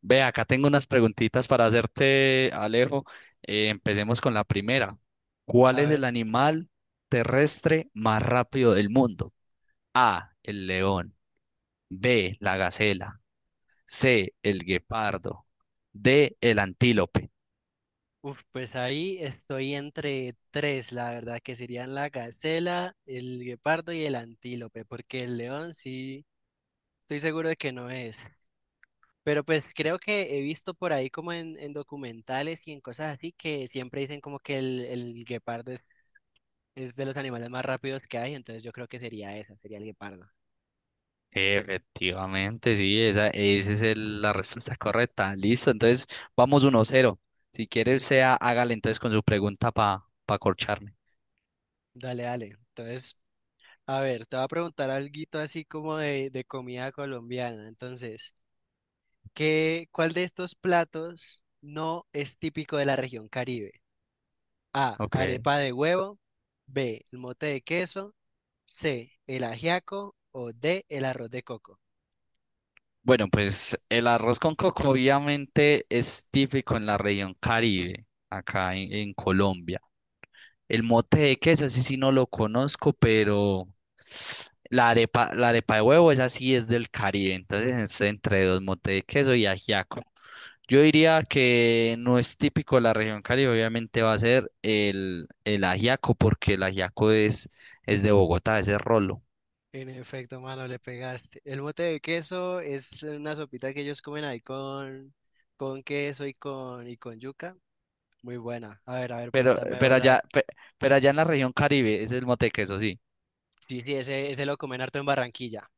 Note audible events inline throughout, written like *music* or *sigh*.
Ve, acá tengo unas preguntitas para hacerte, Alejo. Empecemos con la primera. ¿Cuál A es ver, el animal terrestre más rápido del mundo? A, el león. B, la gacela. C, el guepardo. D, el antílope. Pues ahí estoy entre tres, la verdad, que serían la gacela, el guepardo y el antílope, porque el león sí, estoy seguro de que no es. Pero pues creo que he visto por ahí como en documentales y en cosas así que siempre dicen como que el guepardo es de los animales más rápidos que hay, entonces yo creo que sería esa, sería el guepardo. Efectivamente, sí, esa es la respuesta correcta. Listo, entonces vamos uno cero. Si quieres, sea, hágale entonces con su pregunta para pa corcharme. Dale, dale. Entonces, a ver, te voy a preguntar algo así como de comida colombiana. Entonces, ¿cuál de estos platos no es típico de la región Caribe? A, Ok. arepa de huevo, B, el mote de queso, C, el ajiaco o D, el arroz de coco. Bueno, pues el arroz con coco obviamente es típico en la región Caribe, acá en Colombia. El mote de queso, ese sí no lo conozco, pero la arepa de huevo, esa sí es del Caribe, entonces es entre dos motes de queso y ajiaco. Yo diría que no es típico de la región Caribe, obviamente va a ser el ajiaco, porque el ajiaco es de Bogotá, ese es rolo. En efecto, mano, le pegaste. El mote de queso es una sopita que ellos comen ahí con queso y con yuca. Muy buena. A ver, pregúntame Pero vos, a allá, ver. Pero allá en la región Caribe, ese es el mote de queso, sí. Sí, sí, ese lo comen harto en Barranquilla.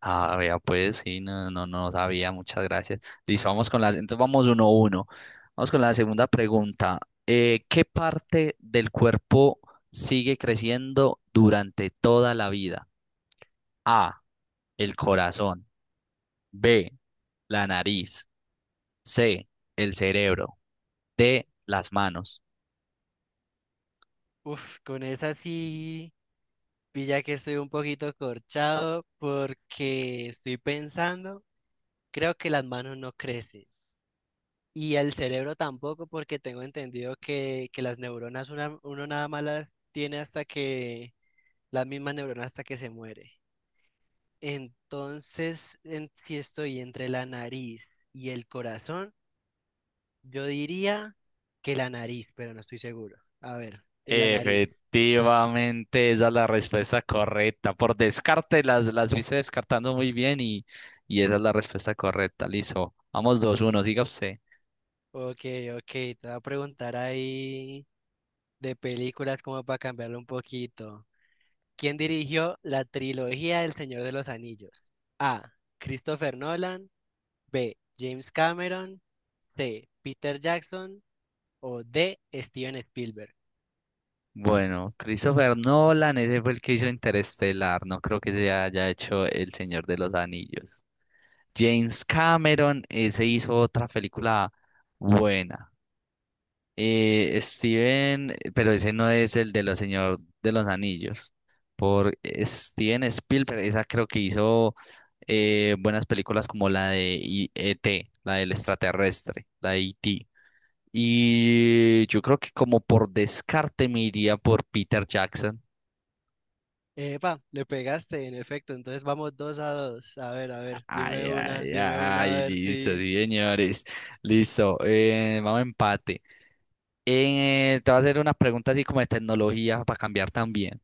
Ah, vea, pues sí, no, no, no sabía, muchas gracias. Listo, vamos con entonces vamos uno a uno. Vamos con la segunda pregunta. ¿Qué parte del cuerpo sigue creciendo durante toda la vida? A, el corazón. B, la nariz. C, el cerebro. D, las manos. Uf, con esa sí. Pilla que estoy un poquito corchado porque estoy pensando, creo que las manos no crecen y el cerebro tampoco porque tengo entendido que las neuronas uno nada más las tiene hasta que, las mismas neuronas hasta que se muere. Entonces, si estoy entre la nariz y el corazón, yo diría que la nariz, pero no estoy seguro. A ver, de la nariz. Efectivamente, esa es la respuesta correcta. Por descarte, las fuiste descartando muy bien y esa es la respuesta correcta. Listo. Vamos dos uno, siga usted. Ok, ok, te voy a preguntar ahí. De películas como para cambiarlo un poquito. ¿Quién dirigió la trilogía del Señor de los Anillos? A, Christopher Nolan. B, James Cameron. C, Peter Jackson. O D, Steven Spielberg. Bueno, Christopher Nolan, ese fue el que hizo Interestelar. No creo que se haya hecho El Señor de los Anillos. James Cameron, ese hizo otra película buena. Pero ese no es el de los Señor de los Anillos. Por Steven Spielberg, esa creo que hizo buenas películas como la de E.T., la del extraterrestre, la de E.T. Y yo creo que como por descarte me iría por Peter Jackson. Epa, le pegaste, en efecto. Entonces vamos dos a dos. A ver, dime Ay, una, ay, dime una, a ay, ver listo, si. sí, señores. Listo, vamos a empate. Te voy a hacer una pregunta así como de tecnología para cambiar también.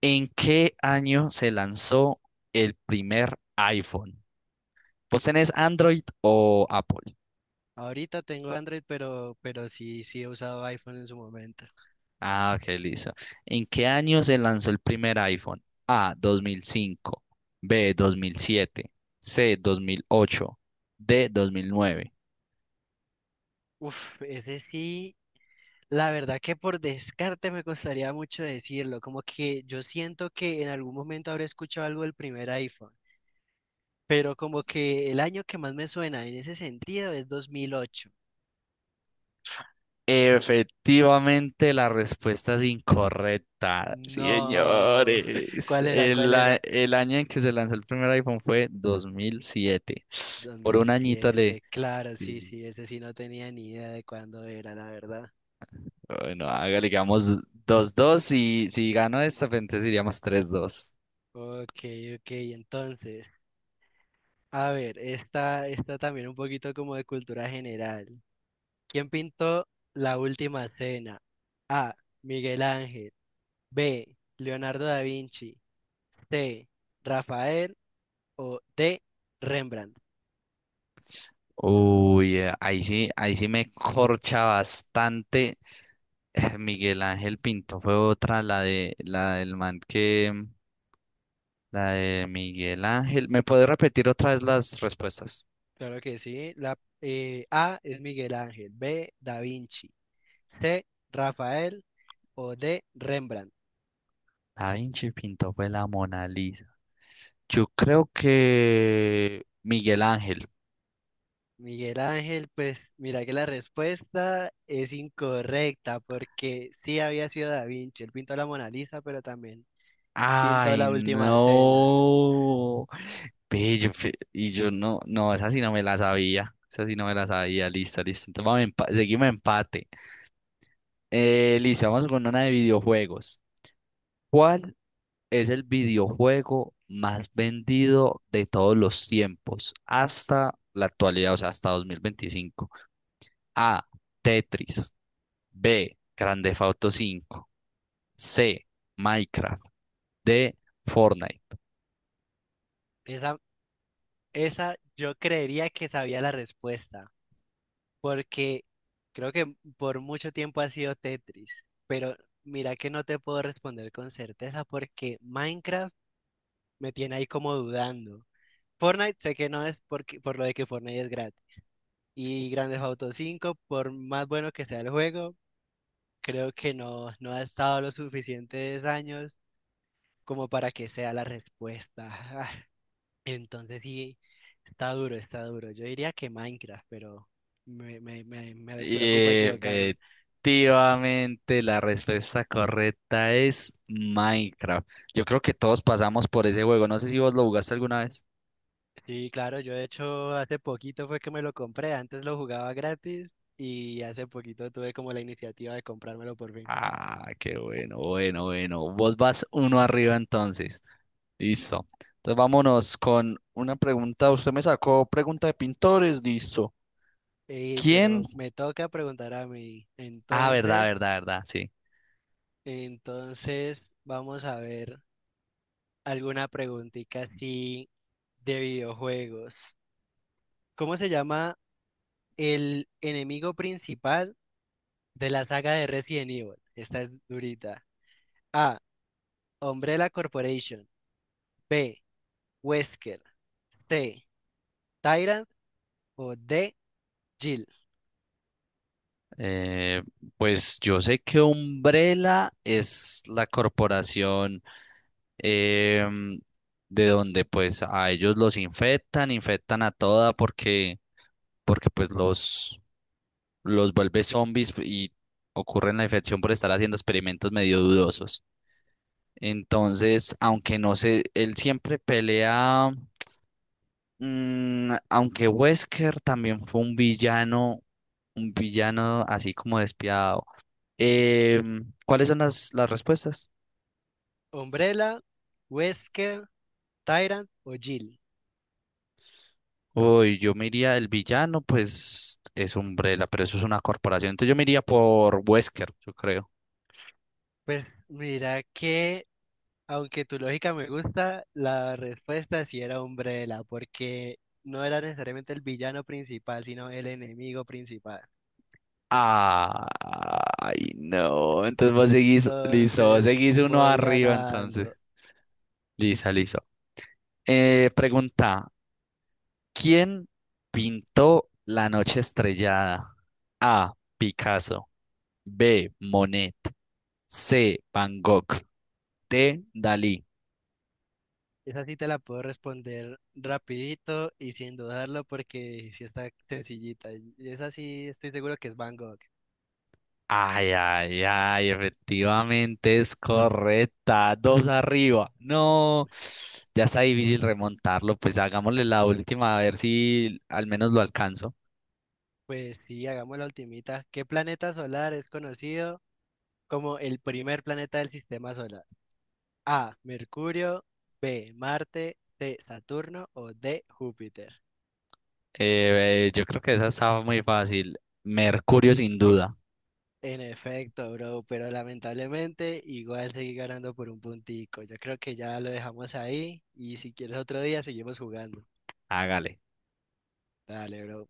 ¿En qué año se lanzó el primer iPhone? ¿Vos tenés Android o Apple? Ahorita tengo Android, pero sí, sí he usado iPhone en su momento. Ah, ok, listo. ¿En qué año se lanzó el primer iPhone? A, 2005, B, 2007, C, 2008, D, 2009. Uf, ese sí. La verdad que por descarte me costaría mucho decirlo, como que yo siento que en algún momento habré escuchado algo del primer iPhone, pero como que el año que más me suena en ese sentido es 2008. Efectivamente, la respuesta es incorrecta, No, *laughs* señores. ¿cuál era? ¿Cuál era? El año en que se lanzó el primer iPhone fue 2007. Por un añito le... 2007, claro, sí, Sí. sí, ese sí no tenía ni idea de cuándo era, la verdad. Bueno, hágale, digamos dos 2, y si gano esta, pues, entonces iríamos tres dos. Ok, ok, entonces, a ver, esta también un poquito como de cultura general. ¿Quién pintó La Última Cena? A, Miguel Ángel. B, Leonardo da Vinci. C, Rafael. O D, Rembrandt. Uy, ahí sí me corcha bastante. Miguel Ángel Pinto fue otra, la de la del man que la de Miguel Ángel. ¿Me puede repetir otra vez las respuestas? Claro que sí. A es Miguel Ángel. B, Da Vinci. C, Rafael. O D, Rembrandt. Da Vinci Pinto fue la Mona Lisa. Yo creo que Miguel Ángel. Miguel Ángel, pues mira que la respuesta es incorrecta porque sí había sido Da Vinci. Él pintó la Mona Lisa, pero también pintó Ay, la Última Cena. no. Ve, yo y yo no, no, esa sí no me la sabía. Esa sí no me la sabía. Listo, listo. Entonces vamos a seguimos empate. Listo, vamos con una de videojuegos. ¿Cuál es el videojuego más vendido de todos los tiempos hasta la actualidad, o sea, hasta 2025? A. Tetris. B. Grand Theft Auto 5. C. Minecraft. D. Fortnite. Esa, Esa yo creería que sabía la respuesta, porque creo que por mucho tiempo ha sido Tetris, pero mira que no te puedo responder con certeza porque Minecraft me tiene ahí como dudando. Fortnite sé que no es porque, por lo de que Fortnite es gratis. Y Grand Theft Auto 5, por más bueno que sea el juego, creo que no, no ha estado los suficientes años como para que sea la respuesta. *laughs* Entonces sí, está duro, está duro. Yo diría que Minecraft, pero me preocupa Y equivocarme. efectivamente, la respuesta correcta es Minecraft. Yo creo que todos pasamos por ese juego. No sé si vos lo jugaste alguna vez. Sí, claro, yo de hecho hace poquito fue que me lo compré, antes lo jugaba gratis y hace poquito tuve como la iniciativa de comprármelo por fin. Ah, qué bueno, bueno, bueno. Vos vas uno arriba entonces. Listo. Entonces vámonos con una pregunta. Usted me sacó pregunta de pintores, listo. Ey, ¿Quién? pero me toca preguntar a mí, Ah, verdad, entonces, verdad, verdad, sí. entonces vamos a ver alguna preguntita así de videojuegos. ¿Cómo se llama el enemigo principal de la saga de Resident Evil? Esta es durita. A, Umbrella Corporation. B, Wesker. C, Tyrant. O D, Jill. Eh, pues yo sé que Umbrella es la corporación. em, de donde pues a ellos los infectan, infectan a toda porque, porque pues los vuelve zombies y ocurre la infección por estar haciendo experimentos medio dudosos. Entonces, aunque no sé, él siempre pelea, aunque Wesker también fue un villano así como despiadado. ¿Cuáles son las respuestas? Umbrella, Wesker, Tyrant o Jill. Uy, yo me iría, el villano, pues es Umbrella, pero eso es una corporación. Entonces yo me iría por Wesker, yo creo. Pues mira que, aunque tu lógica me gusta, la respuesta sí era Umbrella, porque no era necesariamente el villano principal, sino el enemigo principal. Ay, no. Entonces vos seguís, listo, vos Entonces seguís uno voy arriba, entonces. ganando. Lisa, listo. Pregunta: ¿Quién pintó La Noche Estrellada? A. Picasso. B. Monet. C. Van Gogh. D. Dalí. Esa sí te la puedo responder rapidito y sin dudarlo porque sí está sencillita. Y esa sí estoy seguro que es Van Gogh. Ay, ay, ay, efectivamente es correcta. Dos arriba. No, ya está difícil remontarlo. Pues hagámosle la última a ver si al menos lo alcanzo. Pues sí, hagamos la ultimita. ¿Qué planeta solar es conocido como el primer planeta del sistema solar? A, Mercurio, B, Marte, C, Saturno o D, Júpiter. Yo creo que esa estaba muy fácil. Mercurio, sin duda. En efecto, bro, pero lamentablemente igual seguí ganando por un puntico. Yo creo que ya lo dejamos ahí y si quieres otro día seguimos jugando. Hágale. Dale, bro.